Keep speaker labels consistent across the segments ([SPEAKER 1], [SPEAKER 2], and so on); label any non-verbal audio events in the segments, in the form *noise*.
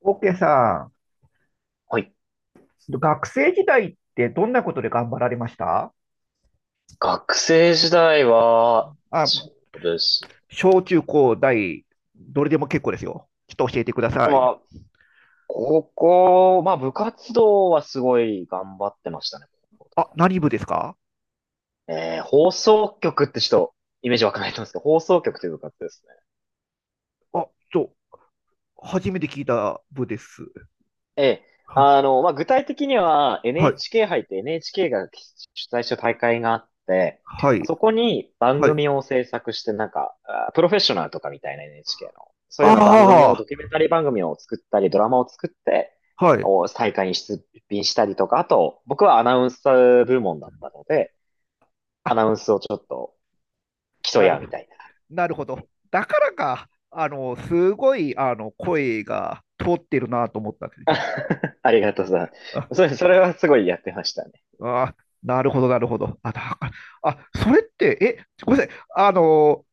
[SPEAKER 1] オッケーさ
[SPEAKER 2] はい。
[SPEAKER 1] ん、学生時代ってどんなことで頑張られました？
[SPEAKER 2] 学生時代は、
[SPEAKER 1] あ、
[SPEAKER 2] そうです。
[SPEAKER 1] 小中高大、どれでも結構ですよ。ちょっと教えてください。
[SPEAKER 2] まあ、高校、まあ部活動はすごい頑張ってましたね。高校と
[SPEAKER 1] あ、
[SPEAKER 2] か
[SPEAKER 1] 何部ですか？
[SPEAKER 2] 放送局ってちょっとイメージ湧かないと思うんですけど、放送局という部活ですね
[SPEAKER 1] あ、ちょ、初めて聞いた部です。
[SPEAKER 2] ええ。
[SPEAKER 1] は、
[SPEAKER 2] あの、まあ、具体的には
[SPEAKER 1] はい、
[SPEAKER 2] NHK 杯って NHK が主催した大会があって、
[SPEAKER 1] はい、
[SPEAKER 2] そこに番
[SPEAKER 1] はい。
[SPEAKER 2] 組を制作して、なんか、あプロフェッショナルとかみたいな NHK の、そういうような番組を、
[SPEAKER 1] あ
[SPEAKER 2] ドキュメンタリー番組を作ったり、ドラマを作って、
[SPEAKER 1] あ、はい。
[SPEAKER 2] お大会に出品したりとか、あと、僕はアナウンス部門だったので、ア
[SPEAKER 1] あ、
[SPEAKER 2] ナウンスをちょっと競
[SPEAKER 1] な
[SPEAKER 2] い
[SPEAKER 1] る
[SPEAKER 2] 合う
[SPEAKER 1] ほ
[SPEAKER 2] み
[SPEAKER 1] ど、
[SPEAKER 2] たい
[SPEAKER 1] なるほど。だからか、すごい、声が通ってるなと思ったんですよ、
[SPEAKER 2] な。
[SPEAKER 1] 実は。
[SPEAKER 2] *laughs* ありがとうさん。それはすごいやってましたね。
[SPEAKER 1] あ、あー、なるほど、なるほど。あ、だから、あ、それって、え、ごめんなさい。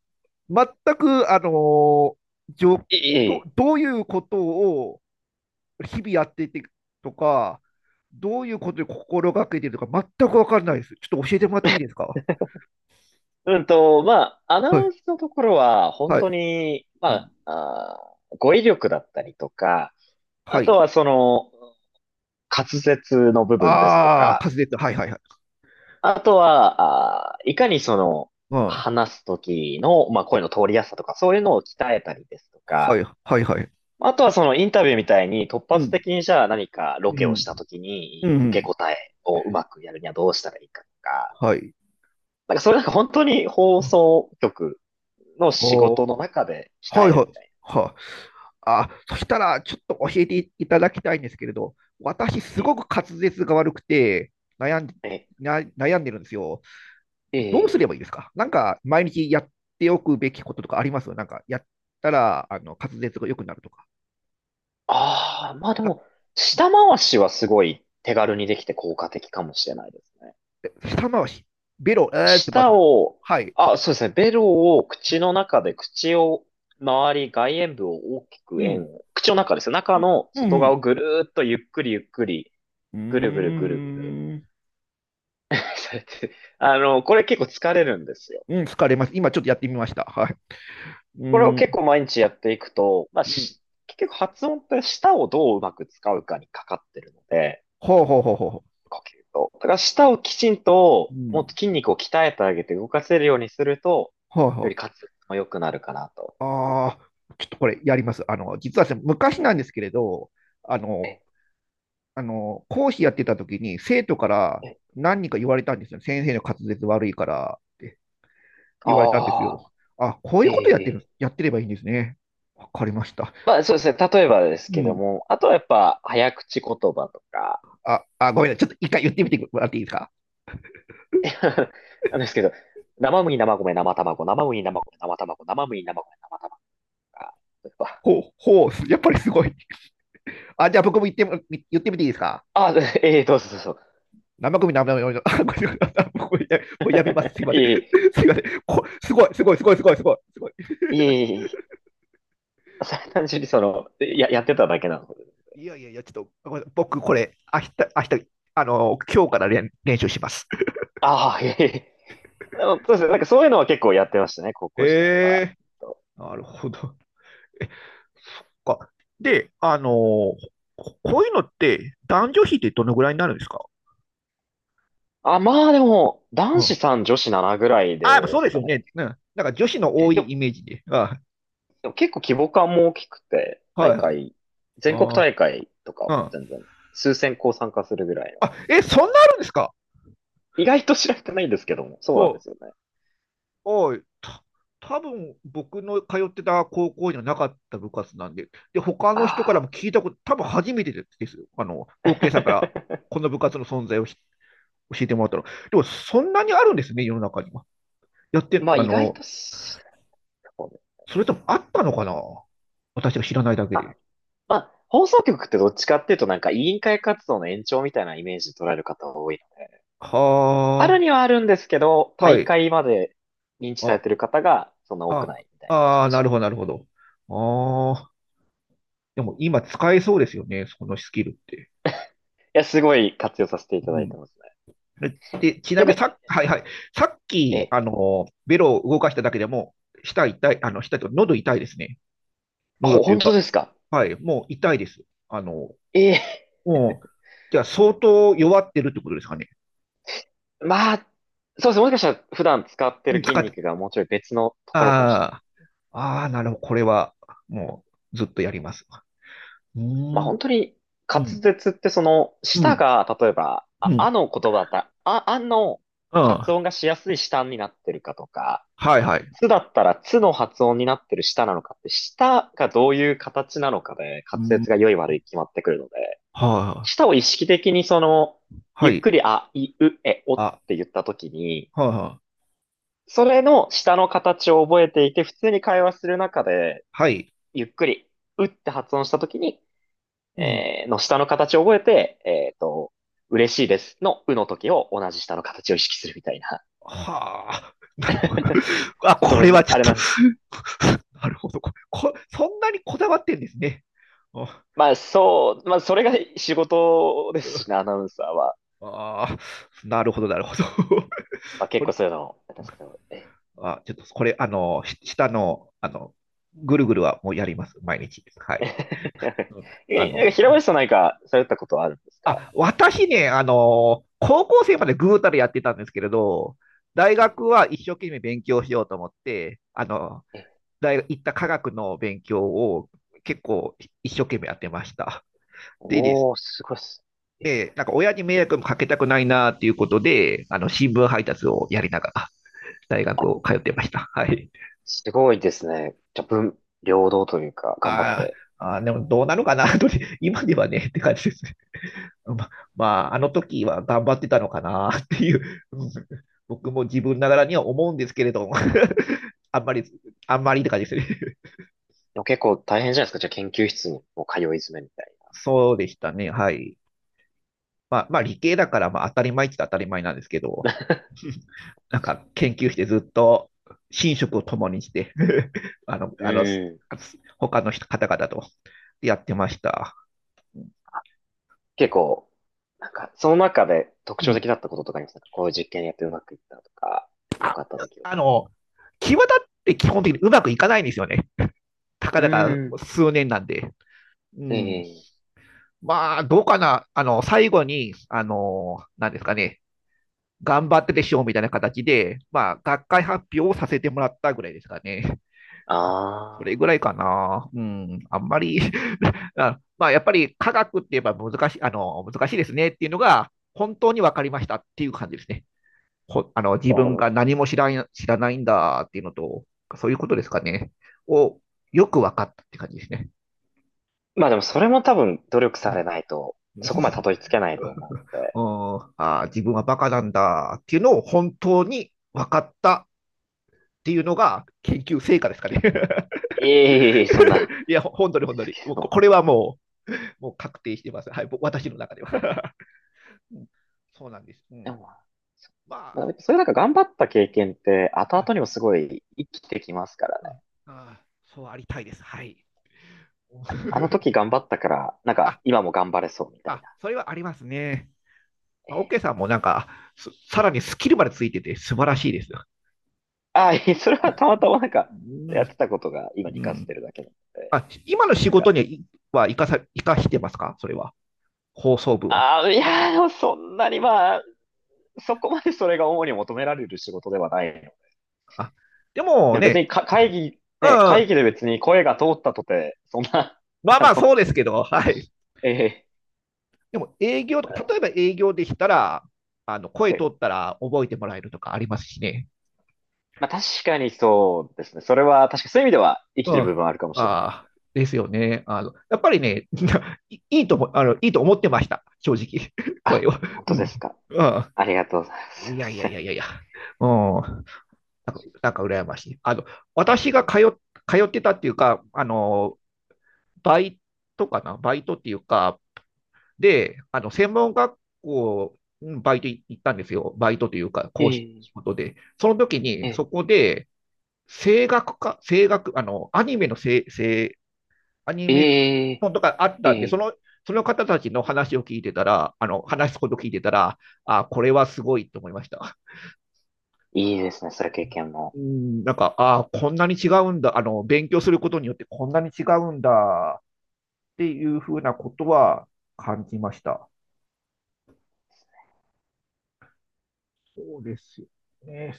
[SPEAKER 1] 全く、じょ
[SPEAKER 2] いい、い
[SPEAKER 1] ど、
[SPEAKER 2] い。
[SPEAKER 1] どういうことを日々やっていてとか、どういうことを心がけているとか、全くわかんないです。ちょっと教えてもらっていいですか？
[SPEAKER 2] まあ、アナ
[SPEAKER 1] は
[SPEAKER 2] ウ
[SPEAKER 1] い、
[SPEAKER 2] ンスのところは、本
[SPEAKER 1] は
[SPEAKER 2] 当
[SPEAKER 1] い、
[SPEAKER 2] に、
[SPEAKER 1] う
[SPEAKER 2] ま
[SPEAKER 1] ん。
[SPEAKER 2] あ、語彙力だったりとか、あ
[SPEAKER 1] は
[SPEAKER 2] と
[SPEAKER 1] い。
[SPEAKER 2] はその、滑舌の部分ですと
[SPEAKER 1] ああ、
[SPEAKER 2] か、
[SPEAKER 1] 滑舌。はい、はい、はい。
[SPEAKER 2] あとは、いかにその、話すときの、まあ、声の通りやすさとか、そういうのを鍛えたりですと
[SPEAKER 1] は
[SPEAKER 2] か、
[SPEAKER 1] い、はい、はいはい。
[SPEAKER 2] あとはそのインタビューみたいに突
[SPEAKER 1] う
[SPEAKER 2] 発
[SPEAKER 1] ん。
[SPEAKER 2] 的にじゃあ何かロ
[SPEAKER 1] う
[SPEAKER 2] ケをし
[SPEAKER 1] ん。
[SPEAKER 2] たとき
[SPEAKER 1] う
[SPEAKER 2] に受け
[SPEAKER 1] ん。
[SPEAKER 2] 答えをうまくやるにはどうしたらいいかとか、
[SPEAKER 1] はい。
[SPEAKER 2] なんかそれなんか本当に放送局の仕事
[SPEAKER 1] は
[SPEAKER 2] の中で
[SPEAKER 1] あ、
[SPEAKER 2] 鍛
[SPEAKER 1] は
[SPEAKER 2] え
[SPEAKER 1] い、
[SPEAKER 2] る
[SPEAKER 1] はい。
[SPEAKER 2] みたい
[SPEAKER 1] はあ、あ、そしたら、ちょっと教えていただきたいんですけれど、私、す
[SPEAKER 2] な。え、
[SPEAKER 1] ごく滑舌が悪くて悩んで、
[SPEAKER 2] え、
[SPEAKER 1] な悩んでるんですよ。
[SPEAKER 2] え
[SPEAKER 1] どうす
[SPEAKER 2] え。
[SPEAKER 1] ればいいですか？なんか、毎日やっておくべきこととかあります？なんか、やったら、滑舌が良くなるとか。
[SPEAKER 2] ああ、まあで
[SPEAKER 1] だ
[SPEAKER 2] も、
[SPEAKER 1] っ
[SPEAKER 2] 舌回しはすごい手軽にできて効果的かもしれないですね。
[SPEAKER 1] て舌回し、ベロ、えーってま
[SPEAKER 2] 舌
[SPEAKER 1] ず、
[SPEAKER 2] を、
[SPEAKER 1] はい、
[SPEAKER 2] あ、そうですね。ベロを口の中で、口を周り、外縁部を大き
[SPEAKER 1] う
[SPEAKER 2] く円
[SPEAKER 1] ん。
[SPEAKER 2] を、口の中ですよ。中の
[SPEAKER 1] うん。
[SPEAKER 2] 外
[SPEAKER 1] う
[SPEAKER 2] 側
[SPEAKER 1] ん。
[SPEAKER 2] をぐるーっとゆっくりゆっくり、
[SPEAKER 1] うん。
[SPEAKER 2] ぐるぐるぐるぐる。
[SPEAKER 1] うーん。
[SPEAKER 2] *laughs* それって、あの、これ結構疲れるんですよ。
[SPEAKER 1] うん、疲れます。今ちょっとやってみました。はい。う
[SPEAKER 2] これを
[SPEAKER 1] ーん。
[SPEAKER 2] 結構毎日やっていくと、まあ、
[SPEAKER 1] うん。
[SPEAKER 2] し結局発音って舌をどううまく使うかにかかってるので、
[SPEAKER 1] ほうほうほうほ
[SPEAKER 2] 呼吸と。だから舌をきちん
[SPEAKER 1] う。う
[SPEAKER 2] と、もっと
[SPEAKER 1] ん、
[SPEAKER 2] 筋肉を鍛えてあげて動かせるようにすると、
[SPEAKER 1] ほう
[SPEAKER 2] より
[SPEAKER 1] ほう。
[SPEAKER 2] 滑舌も良くなるかなと。
[SPEAKER 1] ああ、ちょっとこれやります。あの、実はですね、昔なんですけれど、あの、
[SPEAKER 2] え、
[SPEAKER 1] 講師やってた時に生徒から
[SPEAKER 2] え、
[SPEAKER 1] 何人か言われたんですよ。先生の滑舌悪いからって言われたんです
[SPEAKER 2] ああ、
[SPEAKER 1] よ。あ、こうい
[SPEAKER 2] え
[SPEAKER 1] うことやってる、
[SPEAKER 2] え。
[SPEAKER 1] やってればいいんですね。わかりました。
[SPEAKER 2] まあそうですね。例えばです
[SPEAKER 1] う
[SPEAKER 2] けど
[SPEAKER 1] ん。
[SPEAKER 2] も、あとはやっぱ早口言葉とか、
[SPEAKER 1] あ、あ、ごめんなさい。ちょっと一回言ってみてもらっていいですか？
[SPEAKER 2] *laughs* なんですけど、生麦、生米、生卵、生麦、生米、生卵、生麦、生米、生卵とか、やっぱ
[SPEAKER 1] ほう、ほう、やっぱりすごい。あ、じゃあ僕も言っても、言ってみていいですか？
[SPEAKER 2] あ、ええどうぞどうぞ。
[SPEAKER 1] 生首生首、あ、ごめんなさい。もうやめます。すい
[SPEAKER 2] *laughs*
[SPEAKER 1] ま
[SPEAKER 2] い
[SPEAKER 1] せん。
[SPEAKER 2] え
[SPEAKER 1] すいません。こ、すごい、すごい、すごい、すごい、すごい。すごい、
[SPEAKER 2] いえ、いえいえいえ、*laughs* それは単純にその、や、やってただけなので。
[SPEAKER 1] いやいやいや、ちょっと、ごめんなさい僕、これ、明日、明日、今日から練、練習します。
[SPEAKER 2] ああ、いえいえ。でも、そうですね。なんかそういうのは結構やってましたね、高校時代は。
[SPEAKER 1] ええ、なるほど。え、か。で、こ、こういうのって、男女比ってどのぐらいになるんですか？
[SPEAKER 2] あ、まあでも、
[SPEAKER 1] う
[SPEAKER 2] 男子
[SPEAKER 1] ん。
[SPEAKER 2] さん女子7ぐらい
[SPEAKER 1] あ、やっぱ
[SPEAKER 2] で
[SPEAKER 1] そうで
[SPEAKER 2] す
[SPEAKER 1] す
[SPEAKER 2] か
[SPEAKER 1] よ
[SPEAKER 2] ね。
[SPEAKER 1] ね。うん。なんか女子の
[SPEAKER 2] え、
[SPEAKER 1] 多
[SPEAKER 2] でも、
[SPEAKER 1] いイメージで。あ、
[SPEAKER 2] でも結構規模感も大きくて、
[SPEAKER 1] は
[SPEAKER 2] 大
[SPEAKER 1] いはい。
[SPEAKER 2] 会、全国
[SPEAKER 1] あー、
[SPEAKER 2] 大会とか
[SPEAKER 1] う
[SPEAKER 2] も
[SPEAKER 1] ん。
[SPEAKER 2] 全然、数千校参加するぐらいの。
[SPEAKER 1] あ、え、そんなあるんですか？
[SPEAKER 2] 意外と知られてないんですけども、そうなん
[SPEAKER 1] お、
[SPEAKER 2] ですよね。
[SPEAKER 1] はい、た、多分僕の通ってた高校にはなかった部活なんで、で、他の人から
[SPEAKER 2] あ
[SPEAKER 1] も聞いたこと、多分初めてですよ。あの、
[SPEAKER 2] あ。
[SPEAKER 1] OK さんから
[SPEAKER 2] *laughs*
[SPEAKER 1] この部活の存在をひ、教えてもらったの。でも、そんなにあるんですね、世の中には。やって、
[SPEAKER 2] まあ意外とそうね
[SPEAKER 1] それともあったのかな、私が知らないだけ
[SPEAKER 2] あ、
[SPEAKER 1] で。
[SPEAKER 2] まあ、放送局ってどっちかっていうとなんか委員会活動の延長みたいなイメージで捉える方が多いので。
[SPEAKER 1] は
[SPEAKER 2] あるにはあるんですけど、
[SPEAKER 1] あ、は
[SPEAKER 2] 大
[SPEAKER 1] い。
[SPEAKER 2] 会まで認知さ
[SPEAKER 1] あ、
[SPEAKER 2] れてる方がそんな多く
[SPEAKER 1] あ、
[SPEAKER 2] ないみたいな
[SPEAKER 1] あ
[SPEAKER 2] 感
[SPEAKER 1] あ、
[SPEAKER 2] じ。
[SPEAKER 1] な
[SPEAKER 2] い
[SPEAKER 1] るほど、なるほど。ああ、でも今使えそうですよね、そのスキルって。
[SPEAKER 2] や、すごい活用させていた
[SPEAKER 1] う
[SPEAKER 2] だいて
[SPEAKER 1] ん、
[SPEAKER 2] ますね。
[SPEAKER 1] で、ちなみ
[SPEAKER 2] 逆
[SPEAKER 1] に
[SPEAKER 2] に、
[SPEAKER 1] さ、はいはい、さっ
[SPEAKER 2] え
[SPEAKER 1] き、
[SPEAKER 2] え、
[SPEAKER 1] ベロを動かしただけでも、舌痛い、舌というか喉痛いですね。喉
[SPEAKER 2] ほ、
[SPEAKER 1] とい
[SPEAKER 2] 本
[SPEAKER 1] うか、
[SPEAKER 2] 当ですか
[SPEAKER 1] はい、もう痛いです。あの、
[SPEAKER 2] ええ、
[SPEAKER 1] もう、じゃあ相当弱ってるってことですかね。
[SPEAKER 2] まあ、そうですね。もしかしたら普段使って
[SPEAKER 1] う
[SPEAKER 2] る
[SPEAKER 1] ん
[SPEAKER 2] 筋
[SPEAKER 1] 使って、
[SPEAKER 2] 肉がもうちょい別のところかもしれない。
[SPEAKER 1] ああ、ああ、なるほど、これは、もう、ずっとやります。う
[SPEAKER 2] まあ
[SPEAKER 1] ー
[SPEAKER 2] 本
[SPEAKER 1] ん、
[SPEAKER 2] 当に
[SPEAKER 1] う
[SPEAKER 2] 滑
[SPEAKER 1] ん、
[SPEAKER 2] 舌ってその
[SPEAKER 1] う
[SPEAKER 2] 舌
[SPEAKER 1] ん、
[SPEAKER 2] が例えば、
[SPEAKER 1] う
[SPEAKER 2] あ、あ
[SPEAKER 1] ん、
[SPEAKER 2] の言葉だったら、あ、あの
[SPEAKER 1] う
[SPEAKER 2] 発
[SPEAKER 1] ん、
[SPEAKER 2] 音がしやすい舌になってるかとか、
[SPEAKER 1] はいはい。
[SPEAKER 2] つだったらつの発音になってる舌なのかって、舌がどういう形なのかで、滑
[SPEAKER 1] う
[SPEAKER 2] 舌が
[SPEAKER 1] ん、
[SPEAKER 2] 良い悪い決まってくるので、
[SPEAKER 1] はい、
[SPEAKER 2] 舌を意識的にその、
[SPEAKER 1] は
[SPEAKER 2] ゆっ
[SPEAKER 1] い、
[SPEAKER 2] くりあ、い、う、え、おっ
[SPEAKER 1] あ、
[SPEAKER 2] て言ったときに、
[SPEAKER 1] はい、はい、
[SPEAKER 2] それの舌の形を覚えていて、普通に会話する中で、
[SPEAKER 1] はい、
[SPEAKER 2] ゆっくり、うって発音したときに、
[SPEAKER 1] うん。
[SPEAKER 2] の舌の形を覚えて、嬉しいですのうの時を同じ舌の形を意識するみたいな。
[SPEAKER 1] はあ、
[SPEAKER 2] *laughs*
[SPEAKER 1] なるほど。*laughs* あ、
[SPEAKER 2] ちょっと
[SPEAKER 1] こ
[SPEAKER 2] む
[SPEAKER 1] れは
[SPEAKER 2] ず、
[SPEAKER 1] ちょっ
[SPEAKER 2] あれ
[SPEAKER 1] と
[SPEAKER 2] なんですけ
[SPEAKER 1] *laughs* なるほど。ここそんなにこだわってんですね。あ、
[SPEAKER 2] まあそう、まあそれが仕事ですしね、アナウンサーは。
[SPEAKER 1] あー、なるほど、なるほど。*laughs*
[SPEAKER 2] まあ結
[SPEAKER 1] こ
[SPEAKER 2] 構
[SPEAKER 1] れ、
[SPEAKER 2] そういうの、なんですけど、ええ。
[SPEAKER 1] あ、ちょっとこれ、し下の、ぐるぐるはもうやります、毎日。は
[SPEAKER 2] *laughs* え
[SPEAKER 1] い。うん、あ
[SPEAKER 2] なんか
[SPEAKER 1] の、
[SPEAKER 2] 平林さん何かされたことはあるんですか
[SPEAKER 1] あ、
[SPEAKER 2] 学
[SPEAKER 1] 私
[SPEAKER 2] 生
[SPEAKER 1] ね、あの、高校生までぐうたらやってたんですけれど、大
[SPEAKER 2] え
[SPEAKER 1] 学は一生懸命勉強しようと思って、
[SPEAKER 2] え、え
[SPEAKER 1] 大学行った科学の勉強を結構一生懸命やってました。でです。
[SPEAKER 2] おー、すごいっす。え
[SPEAKER 1] で、なんか親に迷惑もかけたくないなっていうことで、あの新聞配達をやりながら大学を通ってました。はい。
[SPEAKER 2] すごいですね。じゃあ、文両道というか、頑張っ
[SPEAKER 1] あー
[SPEAKER 2] て。
[SPEAKER 1] あー、でもどうなのかな、*laughs* と今ではねって感じですね。ま、まあ、あの時は頑張ってたのかなっていう、*laughs* うん、僕も自分ながらには思うんですけれども、 *laughs* あんまり、あんまりって感じですね。
[SPEAKER 2] でも結構大変じゃないですか。じゃあ研究室にもう通い詰めみたい
[SPEAKER 1] *laughs* そうでしたね。はい。まあ、まあ理系だからまあ当たり前って言ったら当たり前なんですけど、
[SPEAKER 2] な。
[SPEAKER 1] なんか研究してずっと寝食を共にして *laughs* あの、
[SPEAKER 2] *laughs*
[SPEAKER 1] あの、
[SPEAKER 2] うん。
[SPEAKER 1] 他の人方々とやってました。
[SPEAKER 2] 結構、なんか、その中で特
[SPEAKER 1] う
[SPEAKER 2] 徴
[SPEAKER 1] ん。
[SPEAKER 2] 的だったこととかありますかこういう実験やってうまくいったとか、良かった出来事。
[SPEAKER 1] あの、際立って基本的にうまくいかないんですよね。たか
[SPEAKER 2] う
[SPEAKER 1] だか
[SPEAKER 2] ん。
[SPEAKER 1] 数年なんで。うん。
[SPEAKER 2] ええ
[SPEAKER 1] まあ、どうかな。最後に、なんですかね。頑張ってでしょうみたいな形で、まあ、学会発表をさせてもらったぐらいですかね。それ
[SPEAKER 2] ああ
[SPEAKER 1] ぐらいかな。うん、あんまり *laughs* あ、まあ、やっぱり科学って言えば難しい、難しいですねっていうのが、本当に分かりましたっていう感じですね。ほ、あの自
[SPEAKER 2] いやで
[SPEAKER 1] 分
[SPEAKER 2] も
[SPEAKER 1] が何も知らん、知らないんだっていうのと、そういうことですかね。を、よく分かったって感じですね。
[SPEAKER 2] まあでもそれも多分努力
[SPEAKER 1] う
[SPEAKER 2] され
[SPEAKER 1] ん、
[SPEAKER 2] ないと、そこまでたどり着けないと思うの
[SPEAKER 1] う
[SPEAKER 2] で。
[SPEAKER 1] ん、あー自分はバカなんだっていうのを本当に分かったっていうのが研究成果ですかね。
[SPEAKER 2] いえいえいえ、そんな、
[SPEAKER 1] *laughs* いや、ほ本当に本
[SPEAKER 2] で
[SPEAKER 1] 当
[SPEAKER 2] す
[SPEAKER 1] に。
[SPEAKER 2] け
[SPEAKER 1] もうこ、
[SPEAKER 2] ど。
[SPEAKER 1] これはもうもう確定してます。はい、僕、私の中では。*laughs* うん、そうなんです。う
[SPEAKER 2] *laughs* で
[SPEAKER 1] ん、
[SPEAKER 2] も、
[SPEAKER 1] ま
[SPEAKER 2] ま
[SPEAKER 1] あ、
[SPEAKER 2] あ、そういうなんか頑張った経験って後々にもすごい生きてきますから
[SPEAKER 1] う
[SPEAKER 2] ね。
[SPEAKER 1] ん、あ、そうありたいです。はい。
[SPEAKER 2] あの
[SPEAKER 1] *laughs*
[SPEAKER 2] 時頑張ったから、なんか
[SPEAKER 1] あ、
[SPEAKER 2] 今も頑張れそうみたい
[SPEAKER 1] あ、
[SPEAKER 2] な。
[SPEAKER 1] それはありますね。
[SPEAKER 2] え
[SPEAKER 1] まあオッケ
[SPEAKER 2] え
[SPEAKER 1] ーさんもなんか、さらにスキルまでついてて素晴らしいです。
[SPEAKER 2] ああ、いえそれはたまたまなんか
[SPEAKER 1] う
[SPEAKER 2] やって
[SPEAKER 1] ん、
[SPEAKER 2] たことが今
[SPEAKER 1] う
[SPEAKER 2] に活かせて
[SPEAKER 1] ん。
[SPEAKER 2] るだけなので。
[SPEAKER 1] あ、今の仕
[SPEAKER 2] なん
[SPEAKER 1] 事
[SPEAKER 2] か、
[SPEAKER 1] にはは生かさ、生かしてますか？それは。放送部は。
[SPEAKER 2] ああ、いやー、でもそんなにまあ、そこまでそれが主に求められる仕事ではない
[SPEAKER 1] あ、でも
[SPEAKER 2] でも別
[SPEAKER 1] ね、
[SPEAKER 2] にか会議、
[SPEAKER 1] う
[SPEAKER 2] ね、会
[SPEAKER 1] ん、
[SPEAKER 2] 議で別に声が通ったとて、そんな、*laughs*
[SPEAKER 1] まあ
[SPEAKER 2] あ
[SPEAKER 1] まあそ
[SPEAKER 2] の、
[SPEAKER 1] うですけど、はい。
[SPEAKER 2] ええ
[SPEAKER 1] でも営業とか、例えば営業でしたら、声通
[SPEAKER 2] で
[SPEAKER 1] ったら覚えてもらえるとかありますしね。
[SPEAKER 2] まあ確かにそうですね。それは確かそういう意味では生き
[SPEAKER 1] う
[SPEAKER 2] て
[SPEAKER 1] ん。
[SPEAKER 2] る部
[SPEAKER 1] あ
[SPEAKER 2] 分はあるかもしれないです
[SPEAKER 1] あ、
[SPEAKER 2] ね。
[SPEAKER 1] ですよね。あの、やっぱりね、*laughs* いいいとも、いいと思ってました。正直。*laughs* 声
[SPEAKER 2] あ、
[SPEAKER 1] は
[SPEAKER 2] 本
[SPEAKER 1] う
[SPEAKER 2] 当で
[SPEAKER 1] ん。
[SPEAKER 2] すか。
[SPEAKER 1] ああ、
[SPEAKER 2] ありがとうございます。すい
[SPEAKER 1] い
[SPEAKER 2] ま
[SPEAKER 1] やいや
[SPEAKER 2] せ
[SPEAKER 1] い
[SPEAKER 2] ん。
[SPEAKER 1] やいやいや。うん。なんか、なんか羨ましい。あの、私が通
[SPEAKER 2] え
[SPEAKER 1] っ、通ってたっていうか、バイトかなバイトっていうか、で、専門学校、うんバイトい行ったんですよ。バイトというか、
[SPEAKER 2] え
[SPEAKER 1] 講師
[SPEAKER 2] え
[SPEAKER 1] 仕事で。その時に、
[SPEAKER 2] え
[SPEAKER 1] そこで、声楽か、声楽、アニメの声、声、アニ
[SPEAKER 2] え
[SPEAKER 1] メ
[SPEAKER 2] え
[SPEAKER 1] 本とかあっ
[SPEAKER 2] ええ
[SPEAKER 1] たんで、そ
[SPEAKER 2] え
[SPEAKER 1] の、
[SPEAKER 2] え
[SPEAKER 1] その方たちの話を聞いてたら、話すこと聞いてたら、あ、これはすごいと思いました。
[SPEAKER 2] いいですね。それ経験も。
[SPEAKER 1] うん、なんか、あ、こんなに違うんだ、勉強することによってこんなに違うんだっていうふうなことは感じました。そうですよね。